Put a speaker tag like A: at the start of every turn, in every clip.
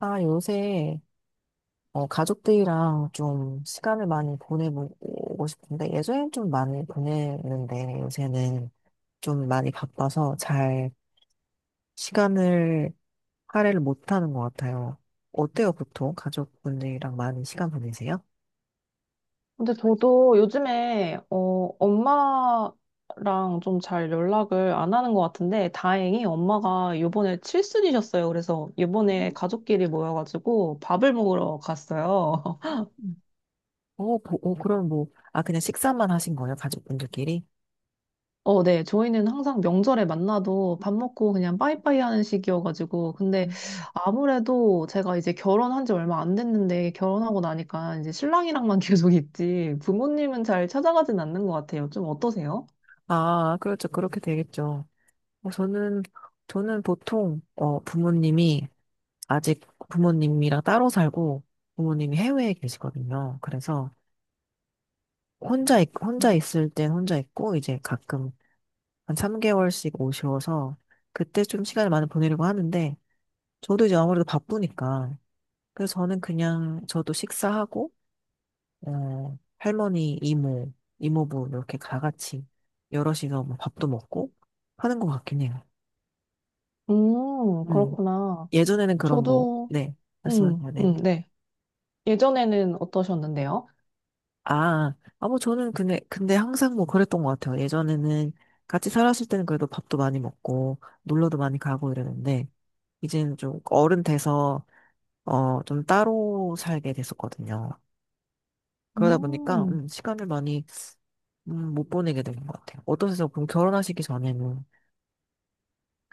A: 아, 요새 가족들이랑 좀 시간을 많이 보내보고 싶은데 예전엔 좀 많이 보냈는데 요새는 좀 많이 바빠서 잘 시간을 할애를 못하는 것 같아요. 어때요, 보통 가족분들이랑 많이 시간 보내세요?
B: 근데 저도 요즘에 엄마랑 좀 잘 연락을 안 하는 것 같은데 다행히 엄마가 요번에 칠순이셨어요. 그래서 요번에 가족끼리 모여가지고 밥을 먹으러 갔어요.
A: 음. 그럼 뭐, 아, 그냥 식사만 하신 거예요, 가족분들끼리?
B: 네. 저희는 항상 명절에 만나도 밥 먹고 그냥 빠이빠이 하는 식이어가지고 근데
A: 음.
B: 아무래도 제가 이제 결혼한 지 얼마 안 됐는데 결혼하고 나니까 이제 신랑이랑만 계속 있지 부모님은 잘 찾아가진 않는 것 같아요. 좀 어떠세요?
A: 아, 그렇죠. 그렇게 되겠죠. 어, 저는, 저는 보통, 부모님이 아직 부모님이랑 따로 살고 부모님이 해외에 계시거든요. 그래서 혼자, 혼자 있을 땐 혼자 있고 이제 가끔 한 3개월씩 오셔서 그때 좀 시간을 많이 보내려고 하는데 저도 이제 아무래도 바쁘니까 그래서 저는 그냥 저도 식사하고 할머니, 이모, 이모부 이렇게 다 같이 여럿이서 뭐 밥도 먹고 하는 것 같긴 해요. 음.
B: 그렇구나.
A: 예전에는 그런 뭐,
B: 저도,
A: 네, 말씀하세요. 네.
B: 네. 예전에는 어떠셨는데요?
A: 아, 뭐 저는 근데 항상 뭐 그랬던 것 같아요. 예전에는 같이 살았을 때는 그래도 밥도 많이 먹고, 놀러도 많이 가고 이랬는데, 이제는 좀 어른 돼서, 좀 따로 살게 됐었거든요. 그러다 보니까,
B: 음,
A: 시간을 많이, 못 보내게 된 것 같아요. 어떠세요? 그럼 결혼하시기 전에는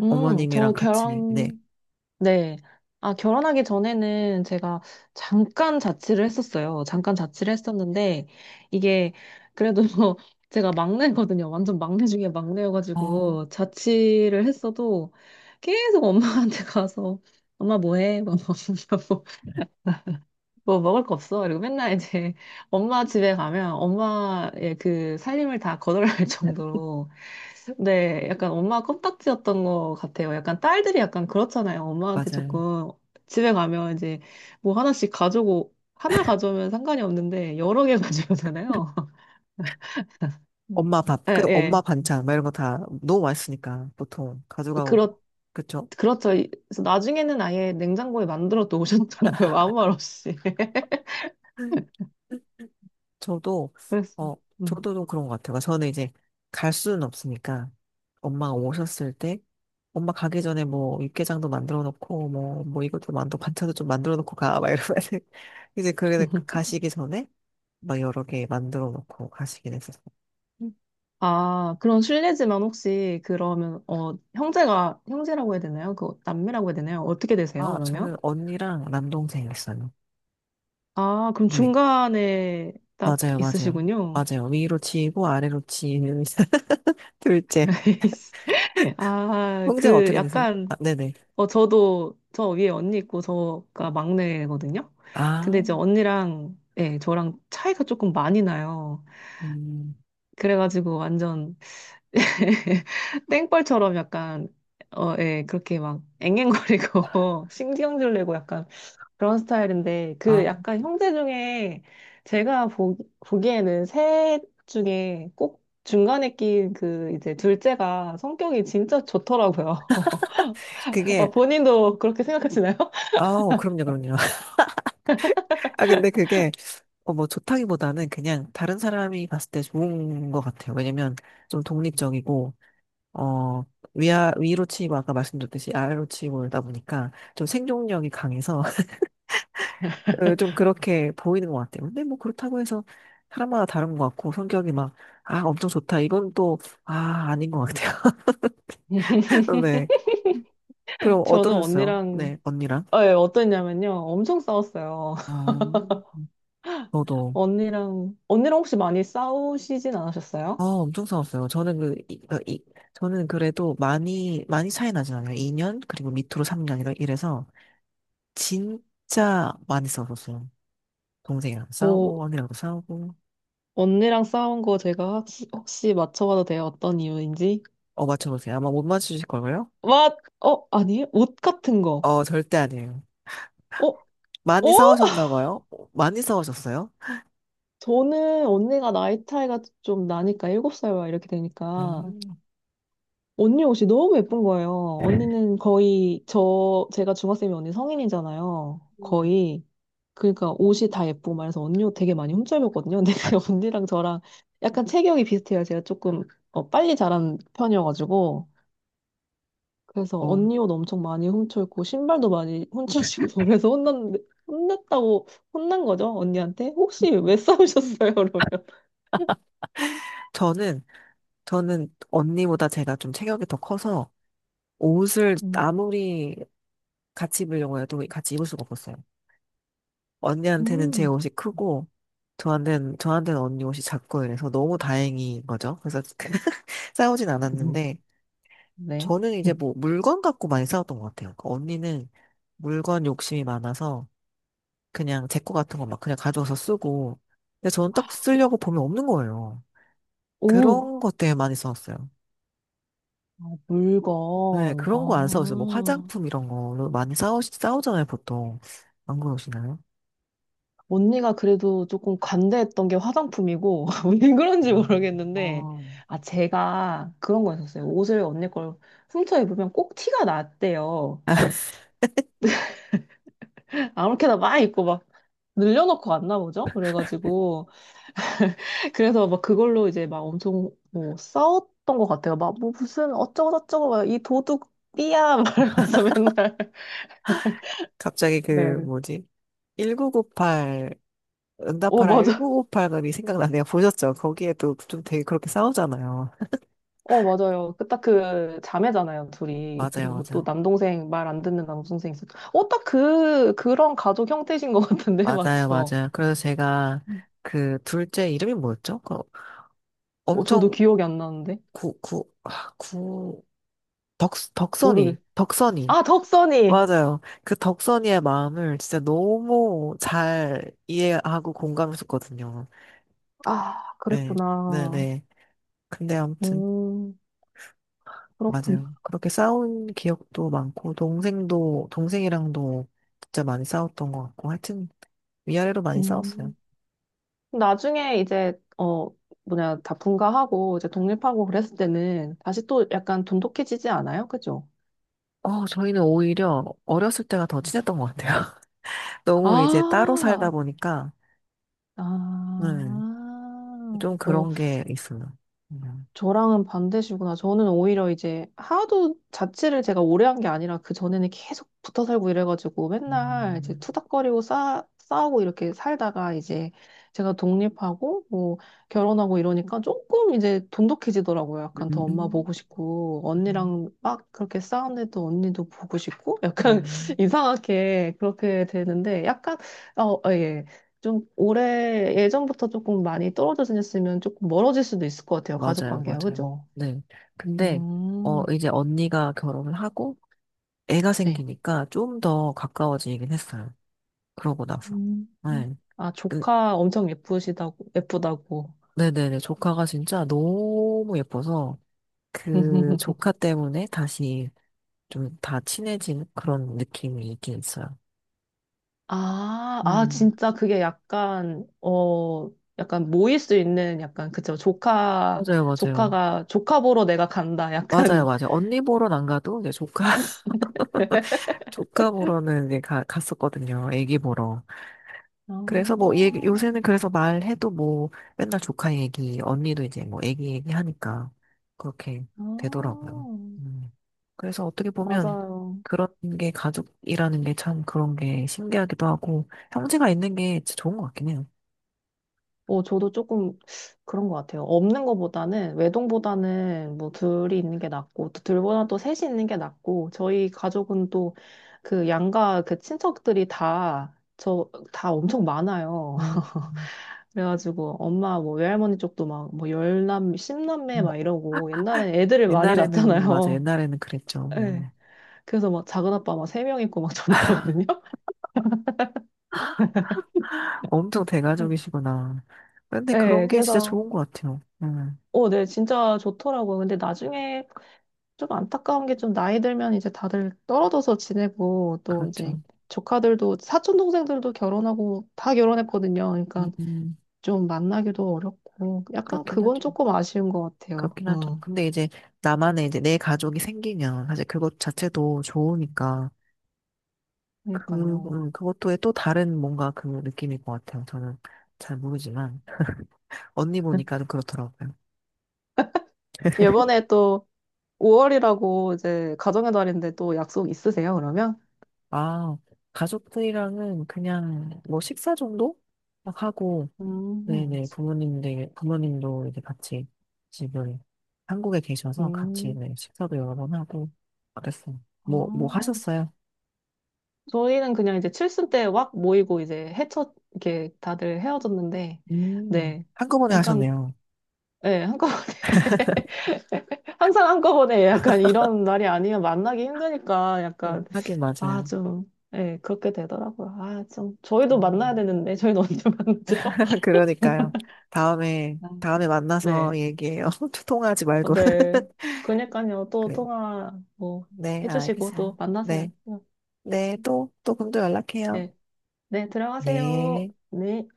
A: 어머님이랑
B: 저
A: 같이,
B: 결혼,
A: 네.
B: 네. 아, 결혼하기 전에는 제가 잠깐 자취를 했었어요. 잠깐 자취를 했었는데, 이게 그래도 제가 막내거든요. 완전 막내 중에
A: 어,
B: 막내여가지고, 자취를 했어도 계속 엄마한테 가서, 엄마 뭐 해? 막 물어보고 뭐 먹을 거 없어. 그리고 맨날 이제 엄마 집에 가면 엄마의 그 살림을 다 거덜날 정도로. 네, 약간 엄마 껌딱지였던 것 같아요. 약간 딸들이 약간 그렇잖아요. 엄마한테
A: 맞아요.
B: 조금 집에 가면 이제 뭐 하나씩 가져오고, 하나 가져오면 상관이 없는데 여러 개 가져오잖아요. 음.
A: 엄마 밥,
B: 예,
A: 그 엄마
B: 예.
A: 반찬, 막 이런 거 다 너무 맛있으니까, 보통 가져가고,
B: 그렇,
A: 그쵸?
B: 그렇죠. 이- 그래서 나중에는 아예 냉장고에 만들어 놓으셨더라고요. 아무 말 없이.
A: 저도,
B: 그랬어요.
A: 어,
B: 음.
A: 저도 좀 그런 것 같아요. 그러니까 저는 이제 갈 수는 없으니까 엄마가 오셨을 때 엄마 가기 전에 뭐 육개장도 만들어 놓고 뭐, 뭐 이것도 만들어, 반찬도 좀 만들어 놓고 가, 막 이러면 이제 그래 가시기 전에 막 여러 개 만들어 놓고 가시긴 했었어요. 음.
B: 아, 그런 실례지만 혹시 그러면 형제가 형제라고 해야 되나요? 그 남매라고 해야 되나요? 어떻게 되세요?
A: 아, 저는
B: 그러면?
A: 언니랑 남동생 있어요.
B: 아, 그럼
A: 네.
B: 중간에 딱
A: 맞아요, 맞아요.
B: 있으시군요.
A: 맞아요. 위로 치이고 아래로 치이는 둘째.
B: 아,
A: 형제가
B: 그
A: 어떻게 되세요? 아,
B: 약간
A: 네네.
B: 저도 저 위에 언니 있고 저가 막내거든요.
A: 아,
B: 근데 이제 언니랑 예, 저랑 차이가 조금 많이 나요.
A: 음,
B: 그래가지고 완전 땡벌처럼 약간 어, 예, 그렇게 막 앵앵거리고 신경질 내고 약간 그런 스타일인데, 그
A: 아.
B: 약간 형제 중에 제가 보기에는 셋 중에 꼭 중간에 낀 그 이제 둘째가 성격이 진짜 좋더라고요.
A: 그게
B: 어, 본인도 그렇게 생각하시나요?
A: 아, 그럼요, 그럼요. 아, 근데 그게, 뭐, 좋다기보다는 그냥 다른 사람이 봤을 때 좋은 것 같아요. 왜냐면, 좀 독립적이고, 어, 위로 치고, 아까 말씀드렸듯이 아래로 치고 이러다 보니까, 좀 생존력이 강해서, 좀 그렇게 보이는 것 같아요. 근데 뭐, 그렇다고 해서, 사람마다 다른 것 같고, 성격이 막, 아, 엄청 좋다. 이건 또, 아, 아닌 것 같아요. 네. 그럼
B: 저는
A: 어떠셨어요?
B: 언니랑
A: 네, 언니랑?
B: 어, 예, 어땠냐면요. 엄청 싸웠어요.
A: 어, 저도.
B: 언니랑 혹시 많이 싸우시진
A: 아,
B: 않으셨어요?
A: 엄청 싸웠어요. 저는 그, 이, 어, 이- 저는 그래도 많이, 많이 차이 나진 않아요. 2년, 그리고 밑으로 3년, 이래서, 진짜 많이 싸웠었어요. 동생이랑
B: 뭐
A: 싸우고, 언니랑도 싸우고.
B: 언니랑 싸운 거 제가 혹시 맞춰봐도 돼요? 어떤 이유인지?
A: 맞춰보세요. 아마 못 맞추실 걸요?
B: 아니에요? 옷 같은 거.
A: 절대 아니에요.
B: 어,
A: 많이
B: 어?
A: 싸우셨나 봐요? 많이 싸우셨어요?
B: 저는 언니가 나이 차이가 좀 나니까, 7살 와 이렇게 되니까.
A: 음,
B: 언니 옷이 너무 예쁜 거예요. 언니는 거의, 저, 제가 중학생이 언니 성인이잖아요.
A: 음.
B: 거의. 그러니까 옷이 다 예쁘고 말해서 언니 옷 되게 많이 훔쳐입었거든요. 근데 언니랑 저랑 약간 체격이 비슷해요. 제가 조금 어, 빨리 자란 편이어가지고. 그래서
A: 어.
B: 언니 옷 엄청 많이 훔쳐입고, 신발도 많이 훔쳐입고, 그래서 혼났는데, 혼났다고, 혼난 거죠? 언니한테? 혹시 왜 싸우셨어요? 그러면.
A: 저는, 저는 언니보다 제가 좀 체격이 더 커서, 옷을
B: 음.
A: 아무리 같이 입으려고 해도 같이 입을 수가 없었어요. 언니한테는 제
B: 음.
A: 옷이 크고 저한테는 언니 옷이 작고 이래서 너무 다행인 거죠. 그래서 싸우진
B: 음,
A: 않았는데
B: 네.
A: 저는 이제 뭐 물건 갖고 많이 싸웠던 것 같아요. 그러니까 언니는 물건 욕심이 많아서 그냥 제 거 같은 거 막 그냥 가져와서 쓰고 근데 저는 딱 쓰려고 보면 없는 거예요.
B: 오,
A: 그런 것 때문에 많이 싸웠어요.
B: 아,
A: 네,
B: 물건.
A: 그런 거 안 싸웠어요. 뭐
B: 아,
A: 화장품 이런 걸로 많이 싸우잖아요, 보통. 안 그러시나요?
B: 언니가 그래도 조금 관대했던 게 화장품이고, 왜 그런지
A: 음.
B: 모르겠는데,
A: 어.
B: 아, 제가 그런 거 있었어요 옷을 언니 걸 훔쳐 입으면 꼭 티가 났대요. 아무렇게나 막 입고 막 늘려놓고 왔나 보죠? 그래가지고. 그래서 막 그걸로 이제 막 엄청 뭐 싸웠던 것 같아요. 막 뭐 무슨 어쩌고저쩌고 막 이 도둑 띠야 말하면서 맨날.
A: 갑자기 그
B: 네.
A: 뭐지? 1998
B: 오,
A: 응답하라
B: 맞아요.
A: 1958이 생각나네요. 보셨죠? 거기에도 좀 되게 그렇게 싸우잖아요.
B: 어, 맞아요. 그 딱 그 자매잖아요, 둘이.
A: 맞아요,
B: 그리고 또
A: 맞아요.
B: 남동생 말 안 듣는 남동생 있었. 어, 딱 그, 그런 가족 형태신 것 같은데,
A: 맞아요,
B: 맞죠?
A: 맞아요. 그래서 제가 그 둘째 이름이 뭐였죠? 그
B: 어, 저도
A: 엄청
B: 기억이 안 나는데.
A: 구, 구, 아, 구, 덕,
B: 모르겠.
A: 덕선이, 덕선이.
B: 아, 덕선이!
A: 맞아요. 그 덕선이의 마음을 진짜 너무 잘 이해하고 공감했었거든요.
B: 아,
A: 네, 네,
B: 그랬구나.
A: 네. 근데 아무튼.
B: 음, 그렇군나
A: 맞아요. 그렇게 싸운 기억도 많고, 동생이랑도 진짜 많이 싸웠던 것 같고, 하여튼 위아래로 많이 싸웠어요.
B: 음. 나중에 이제, 어, 뭐냐, 다 분가하고, 이제 독립하고 그랬을 때는 다시 또 약간 돈독해지지 않아요? 그죠?
A: 저희는 오히려 어렸을 때가 더 친했던 것 같아요. 너무 이제 따로
B: 아,
A: 살다 보니까,
B: 아.
A: 음, 좀 그런 게 있어요. 음,
B: 저랑은 반대시구나. 저는 오히려 이제 하도 자취를 제가 오래 한 게 아니라 그 전에는 계속 붙어 살고 이래가지고 맨날 이제
A: 음,
B: 투닥거리고 싸우고 이렇게 살다가 이제 제가 독립하고 뭐 결혼하고 이러니까 조금 이제 돈독해지더라고요. 약간 더 엄마
A: 음,
B: 보고 싶고
A: 음,
B: 언니랑 막 그렇게 싸우는데도 언니도 보고 싶고 약간
A: 음.
B: 이상하게 그렇게 되는데 약간 어, 어, 예. 좀 올해 예전부터 조금 많이 떨어져 지냈으면 조금 멀어질 수도 있을 것 같아요. 가족
A: 맞아요,
B: 관계가,
A: 맞아요.
B: 그죠?
A: 네. 근데,
B: 음,
A: 이제 언니가 결혼을 하고, 애가
B: 네.
A: 생기니까 좀 더 가까워지긴 했어요. 그러고 나서.
B: 음.
A: 네.
B: 아,
A: 그
B: 조카 엄청 예쁘시다고, 예쁘다고.
A: 네네네. 조카가 진짜 너무 예뻐서 그 조카 때문에 다시 좀 다 친해진 그런 느낌이 있긴 있어요.
B: 아, 아,
A: 음.
B: 진짜 그게 약간, 어, 약간 모일 수 있는 약간, 그쵸. 조카,
A: 맞아요, 맞아요.
B: 조카가, 조카 보러 내가 간다.
A: 맞아요,
B: 약간,
A: 맞아요. 언니 보러는 안 가도 이제 조카, 조카 보러는 이제 갔었거든요. 애기 보러. 그래서 뭐
B: 아,
A: 얘기, 요새는 그래서 말해도 뭐 맨날 조카 얘기, 언니도 이제 뭐 애기 얘기 하니까 그렇게
B: 아,
A: 되더라고요. 음. 그래서 어떻게 보면
B: 맞아요.
A: 그런 게 가족이라는 게 참 그런 게 신기하기도 하고 형제가 있는 게 진짜 좋은 것 같긴 해요.
B: 뭐 저도 조금 그런 것 같아요. 없는 것보다는 외동보다는 뭐 둘이 있는 게 낫고 또 둘보다 또 셋이 있는 게 낫고 저희 가족은 또 그 양가 그 친척들이 다 저 다 엄청 많아요.
A: 음.
B: 그래가지고 엄마 뭐 외할머니 쪽도 막 뭐 열남 십남매
A: 음.
B: 막 이러고 옛날엔 애들을 많이
A: 옛날에는 맞아
B: 낳잖아요.
A: 옛날에는 그랬죠.
B: 네.
A: 네.
B: 그래서 막 작은 아빠 막 세 명 있고 막 저도 그러거든요.
A: 엄청 대가족이시구나. 근데 그런
B: 네,
A: 게 진짜
B: 그래서,
A: 좋은 것 같아요.
B: 어, 네, 진짜 좋더라고요. 근데 나중에 좀 안타까운 게 좀 나이 들면 이제 다들 떨어져서 지내고 또 이제
A: 그렇죠.
B: 조카들도 사촌 동생들도 결혼하고 다 결혼했거든요.
A: 음,
B: 그러니까
A: 음,
B: 좀 만나기도 어렵고 약간
A: 그렇긴
B: 그건
A: 하죠.
B: 조금 아쉬운 것 같아요.
A: 그렇긴 하죠.
B: 응.
A: 근데 이제 나만의 이제 내 가족이 생기면 사실 그것 자체도 좋으니까 그,
B: 그러니까요.
A: 그것도의 또 다른 뭔가 그 느낌일 것 같아요. 저는 잘 모르지만 언니 보니까 좀 그렇더라고요.
B: 이번에 또 5월이라고 이제 가정의 달인데 또 약속 있으세요, 그러면?
A: 아, 가족들이랑은 그냥 뭐 식사 정도 막 하고
B: 음,
A: 네네 부모님들 부모님도 이제 같이 지금 한국에 계셔서 같이
B: 음,
A: 네, 식사도 여러 번 하고 그랬어요.
B: 아.
A: 뭐 하셨어요?
B: 저희는 그냥 이제 칠순 때 확 모이고 이제 헤쳐, 이렇게 다들 헤어졌는데, 네.
A: 한꺼번에
B: 약간,
A: 하셨네요.
B: 예, 한꺼번에. 항상 한꺼번에 약간 이런 날이 아니면 만나기 힘드니까 약간,
A: 하긴
B: 아,
A: 맞아요.
B: 좀, 예, 그렇게 되더라고요. 아, 좀, 저희도 만나야
A: 음.
B: 되는데, 저희는 언제 만나죠?
A: 그러니까요. 다음에,
B: 아,
A: 다음에 만나서
B: 네.
A: 얘기해요. 통화하지
B: 어,
A: 말고.
B: 네. 그러니까요. 또
A: 네,
B: 통화 뭐
A: 네,
B: 해주시고 또
A: 알겠어요.
B: 만나세요.
A: 네, 네, 또, 또 그럼 또 연락해요.
B: 네. 네, 들어가세요.
A: 네.
B: 네.